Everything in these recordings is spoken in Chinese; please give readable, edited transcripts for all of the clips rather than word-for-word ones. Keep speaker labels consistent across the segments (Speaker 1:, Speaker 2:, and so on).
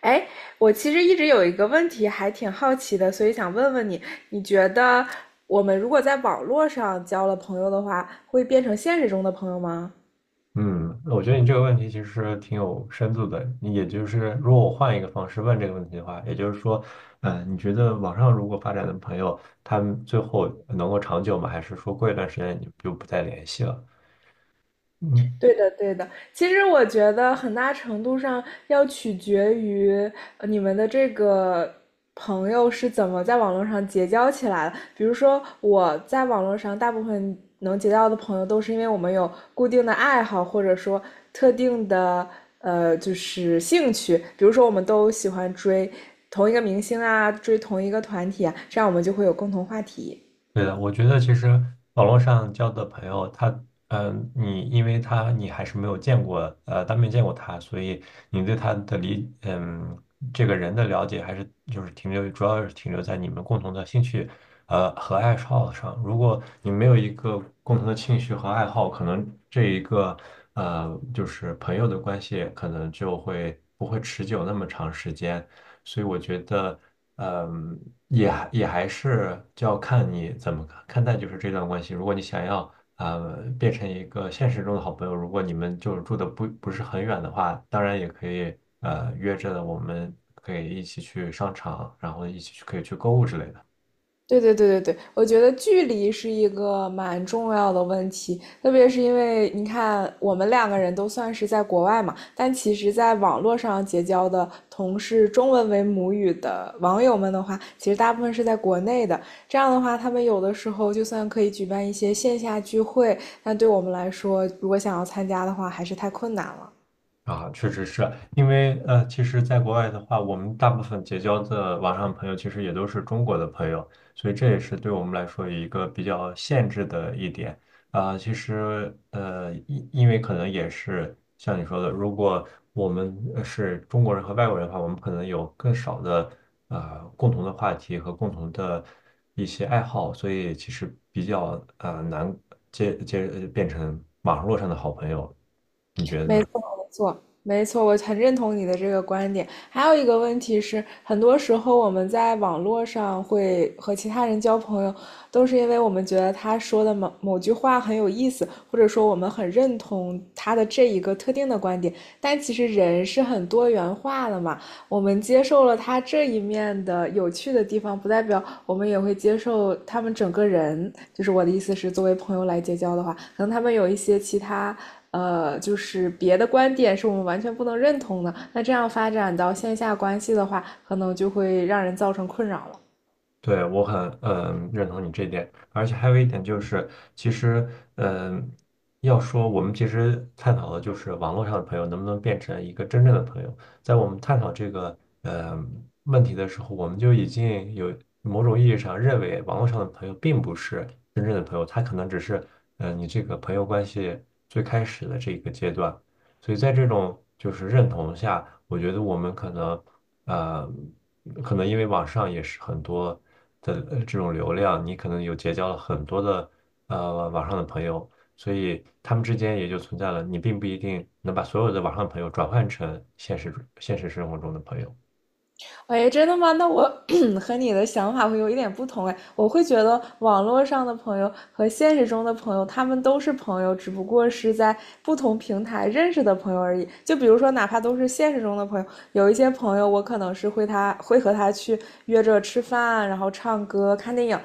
Speaker 1: 哎，我其实一直有一个问题还挺好奇的，所以想问问你，你觉得我们如果在网络上交了朋友的话，会变成现实中的朋友吗？
Speaker 2: 嗯，我觉得你这个问题其实挺有深度的。你也就是，如果我换一个方式问这个问题的话，也就是说，你觉得网上如果发展的朋友，他们最后能够长久吗？还是说过一段时间你就不再联系了？嗯，
Speaker 1: 对的，对的。其实我觉得很大程度上要取决于你们的这个朋友是怎么在网络上结交起来的。比如说，我在网络上大部分能结交的朋友，都是因为我们有固定的爱好，或者说特定的就是兴趣。比如说，我们都喜欢追同一个明星啊，追同一个团体啊，这样我们就会有共同话题。
Speaker 2: 对的，我觉得其实网络上交的朋友，他，你因为他你还是没有见过，当面见过他，所以你对他的理，嗯，这个人的了解还是就是停留，主要是停留在你们共同的兴趣，和爱好上。如果你没有一个共同的兴趣和爱好，可能这一个，呃，就是朋友的关系可能就会不会持久那么长时间。所以我觉得，嗯，也还是就要看你怎么看待就是这段关系。如果你想要变成一个现实中的好朋友，如果你们就是住的不是很远的话，当然也可以约着我们可以一起去商场，然后一起去可以去购物之类的。
Speaker 1: 对对对对对，我觉得距离是一个蛮重要的问题，特别是因为你看，我们两个人都算是在国外嘛，但其实在网络上结交的同是中文为母语的网友们的话，其实大部分是在国内的。这样的话，他们有的时候就算可以举办一些线下聚会，但对我们来说，如果想要参加的话，还是太困难了。
Speaker 2: 啊，确实是因为其实，在国外的话，我们大部分结交的网上朋友，其实也都是中国的朋友，所以这也是对我们来说一个比较限制的一点啊。其实因为可能也是像你说的，如果我们是中国人和外国人的话，我们可能有更少的共同的话题和共同的一些爱好，所以其实比较难变成网络上的好朋友，你觉得
Speaker 1: 没
Speaker 2: 呢？
Speaker 1: 错，没错，没错，我很认同你的这个观点。还有一个问题是，很多时候我们在网络上会和其他人交朋友，都是因为我们觉得他说的某某句话很有意思，或者说我们很认同他的这一个特定的观点。但其实人是很多元化的嘛，我们接受了他这一面的有趣的地方，不代表我们也会接受他们整个人。就是我的意思是，作为朋友来结交的话，可能他们有一些其他。就是别的观点是我们完全不能认同的，那这样发展到线下关系的话，可能就会让人造成困扰了。
Speaker 2: 对，我很认同你这一点，而且还有一点就是，其实嗯，要说我们其实探讨的就是网络上的朋友能不能变成一个真正的朋友，在我们探讨这个问题的时候，我们就已经有某种意义上认为网络上的朋友并不是真正的朋友，他可能只是你这个朋友关系最开始的这一个阶段，所以在这种就是认同下，我觉得我们可能。呃，可能因为网上也是很多的这种流量，你可能有结交了很多的网上的朋友，所以他们之间也就存在了，你并不一定能把所有的网上朋友转换成现实生活中的朋友。
Speaker 1: 喂，真的吗？那我 和你的想法会有一点不同哎，我会觉得网络上的朋友和现实中的朋友，他们都是朋友，只不过是在不同平台认识的朋友而已。就比如说，哪怕都是现实中的朋友，有一些朋友我可能是会他会和他去约着吃饭，然后唱歌、看电影。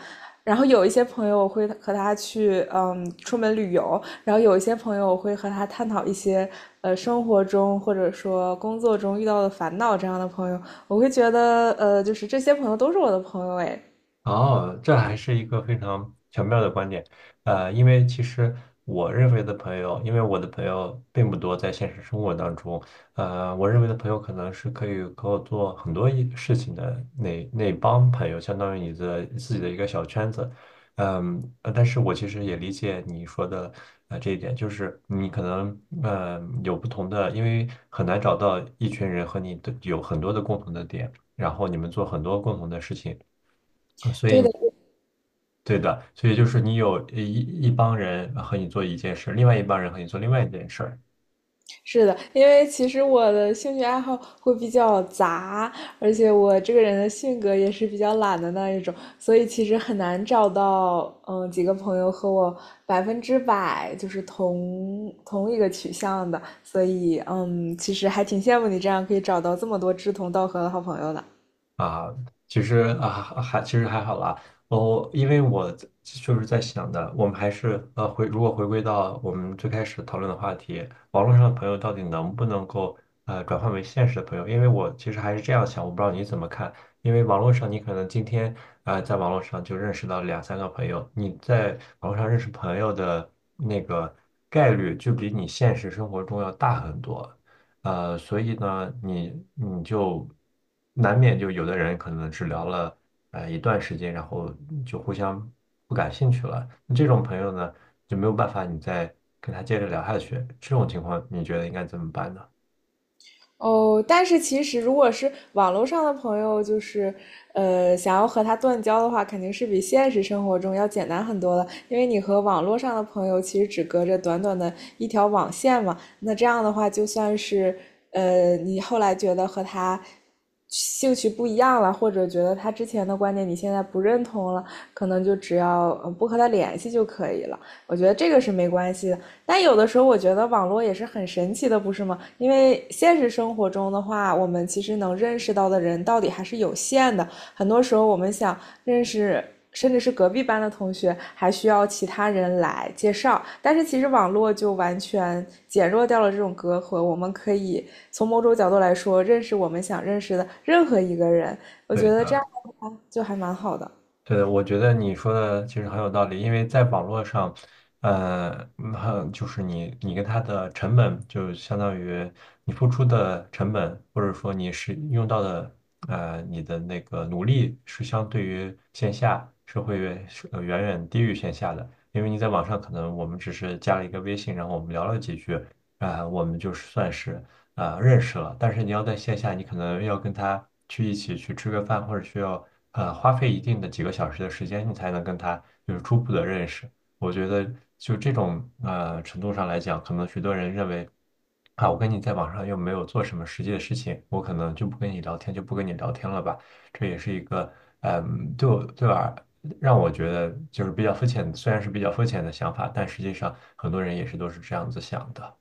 Speaker 1: 然后有一些朋友我会和他去，嗯，出门旅游。然后有一些朋友我会和他探讨一些，生活中或者说工作中遇到的烦恼这样的朋友。我会觉得，就是这些朋友都是我的朋友，哎，
Speaker 2: 哦，这还是一个非常巧妙的观点，因为其实我认为的朋友，因为我的朋友并不多，在现实生活当中，我认为的朋友可能是可以和我做很多一事情的那帮朋友，相当于你的自己的一个小圈子，但是我其实也理解你说的这一点，就是你可能有不同的，因为很难找到一群人和你的有很多的共同的点，然后你们做很多共同的事情。所
Speaker 1: 对
Speaker 2: 以
Speaker 1: 的，
Speaker 2: 对的，所以就是你有一帮人和你做一件事，另外一帮人和你做另外一件事，
Speaker 1: 是的，因为其实我的兴趣爱好会比较杂，而且我这个人的性格也是比较懒的那一种，所以其实很难找到，嗯，几个朋友和我百分之百就是同一个取向的，所以，嗯，其实还挺羡慕你这样可以找到这么多志同道合的好朋友的。
Speaker 2: 啊，其实啊其实还好啦。我因为我在就是在想的，我们还是如果回归到我们最开始讨论的话题，网络上的朋友到底能不能够转换为现实的朋友？因为我其实还是这样想，我不知道你怎么看。因为网络上你可能今天在网络上就认识到两三个朋友，你在网络上认识朋友的那个概率就比你现实生活中要大很多。所以呢，你就难免就有的人可能只聊了一段时间，然后就互相不感兴趣了。那这种朋友呢，就没有办法你再跟他接着聊下去。这种情况，你觉得应该怎么办呢？
Speaker 1: 哦，但是其实如果是网络上的朋友，就是想要和他断交的话，肯定是比现实生活中要简单很多的，因为你和网络上的朋友其实只隔着短短的一条网线嘛。那这样的话，就算是你后来觉得和他兴趣不一样了，或者觉得他之前的观点你现在不认同了，可能就只要不和他联系就可以了。我觉得这个是没关系的。但有的时候我觉得网络也是很神奇的，不是吗？因为现实生活中的话，我们其实能认识到的人到底还是有限的。很多时候我们想认识，甚至是隔壁班的同学，还需要其他人来介绍。但是其实网络就完全减弱掉了这种隔阂，我们可以从某种角度来说，认识我们想认识的任何一个人。我觉
Speaker 2: 对
Speaker 1: 得这
Speaker 2: 的。
Speaker 1: 样的话就还蛮好的。
Speaker 2: 对的，我觉得你说的其实很有道理，因为在网络上，呃，嗯很就是你跟他的成本，就相当于你付出的成本，或者说你是用到的，你的那个努力是相对于线下是会远是远远低于线下的，因为你在网上可能我们只是加了一个微信，然后我们聊了几句，啊、我们就算是。认识了，但是你要在线下，你可能要跟他去一起去吃个饭，或者需要花费一定的几个小时的时间，你才能跟他有初步的认识。我觉得就这种程度上来讲，可能许多人认为啊，我跟你在网上又没有做什么实际的事情，我可能就不跟你聊天了吧。这也是一个对我对吧？让我觉得就是比较肤浅，虽然是比较肤浅的想法，但实际上很多人也是都是这样子想的。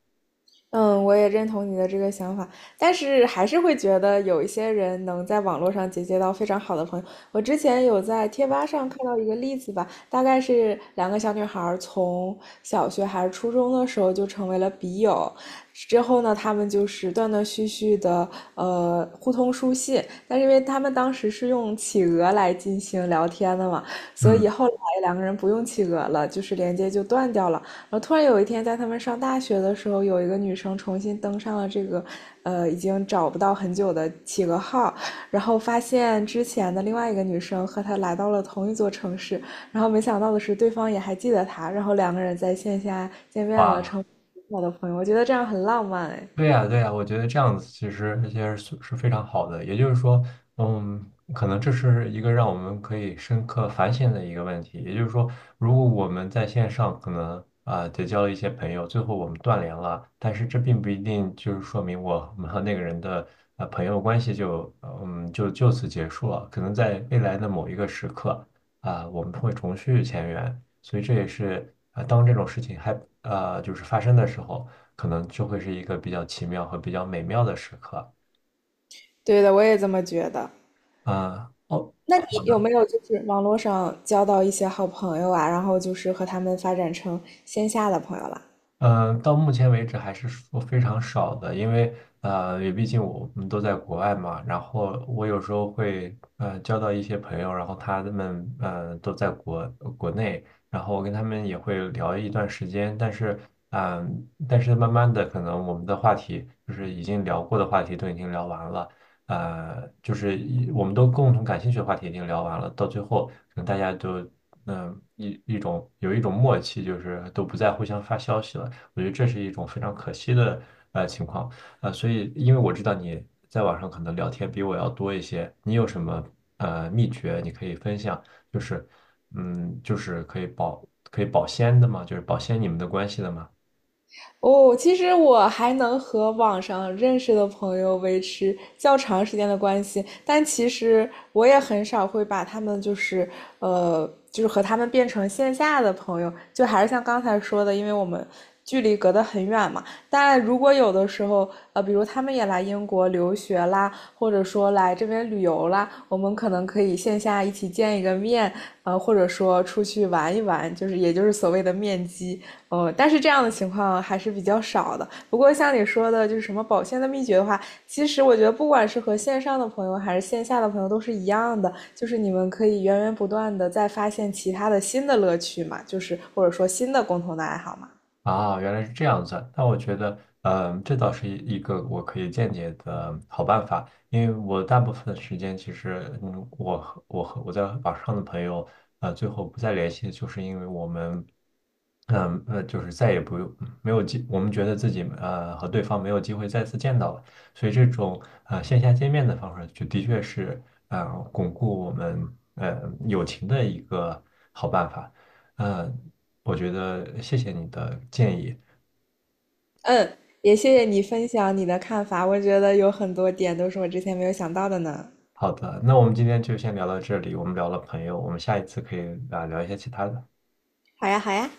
Speaker 1: 嗯，我也认同你的这个想法，但是还是会觉得有一些人能在网络上结交到非常好的朋友。我之前有在贴吧上看到一个例子吧，大概是两个小女孩儿从小学还是初中的时候就成为了笔友，之后呢，他们就是断断续续的互通书信，但是因为他们当时是用企鹅来进行聊天的嘛，所以
Speaker 2: 嗯，
Speaker 1: 后来两个人不用企鹅了，就是连接就断掉了。然后突然有一天，在他们上大学的时候，有一个女生重新登上了这个，已经找不到很久的企鹅号，然后发现之前的另外一个女生和她来到了同一座城市，然后没想到的是，对方也还记得她，然后两个人在线下见面了，成
Speaker 2: 哇，
Speaker 1: 为我的朋友。我觉得这样很浪漫哎。
Speaker 2: 对呀，对呀，我觉得这样子其实是非常好的。也就是说，嗯，可能这是一个让我们可以深刻反省的一个问题。也就是说，如果我们在线上可能结交了一些朋友，最后我们断联了，但是这并不一定就是说明我们和那个人的朋友关系就呃嗯就就此结束了。可能在未来的某一个时刻我们会重续前缘。所以这也是当这种事情就是发生的时候。可能就会是一个比较奇妙和比较美妙的时刻。
Speaker 1: 对的，我也这么觉得。
Speaker 2: 啊、哦，
Speaker 1: 那你有没有就是网络上交到一些好朋友啊，然后就是和他们发展成线下的朋友了？
Speaker 2: 嗯，到目前为止还是说非常少的，因为也毕竟我们都在国外嘛，然后我有时候会交到一些朋友，然后他们都在国内，然后我跟他们也会聊一段时间，但是慢慢的可能我们的话题就是已经聊过的话题都已经聊完了，就是我们都共同感兴趣的话题已经聊完了，到最后可能大家都。嗯，一一种有一种默契，就是都不再互相发消息了。我觉得这是一种非常可惜的情况。所以因为我知道你在网上可能聊天比我要多一些，你有什么秘诀你可以分享？就是就是可以保鲜的吗？就是保鲜你们的关系的吗？
Speaker 1: 哦，其实我还能和网上认识的朋友维持较长时间的关系，但其实我也很少会把他们就是就是和他们变成线下的朋友，就还是像刚才说的，因为我们距离隔得很远嘛。但如果有的时候，呃，比如他们也来英国留学啦，或者说来这边旅游啦，我们可能可以线下一起见一个面，或者说出去玩一玩，就是也就是所谓的面基。哦，但是这样的情况还是比较少的。不过像你说的，就是什么保鲜的秘诀的话，其实我觉得不管是和线上的朋友还是线下的朋友都是一样的，就是你们可以源源不断的再发现其他的新的乐趣嘛，就是或者说新的共同的爱好嘛。
Speaker 2: 啊，原来是这样子。那我觉得，这倒是一个我可以间接的好办法，因为我大部分时间其实，我在网上的朋友，最后不再联系，就是因为我们，就是再也不用没有机，我们觉得自己和对方没有机会再次见到了，所以这种线下见面的方式，就的确是呃巩固我们友情的一个好办法。嗯，我觉得谢谢你的建议。
Speaker 1: 嗯，也谢谢你分享你的看法，我觉得有很多点都是我之前没有想到的呢。
Speaker 2: 好的，那我们今天就先聊到这里。我们聊了朋友，我们下一次可以聊一些其他的。
Speaker 1: 好呀，好呀。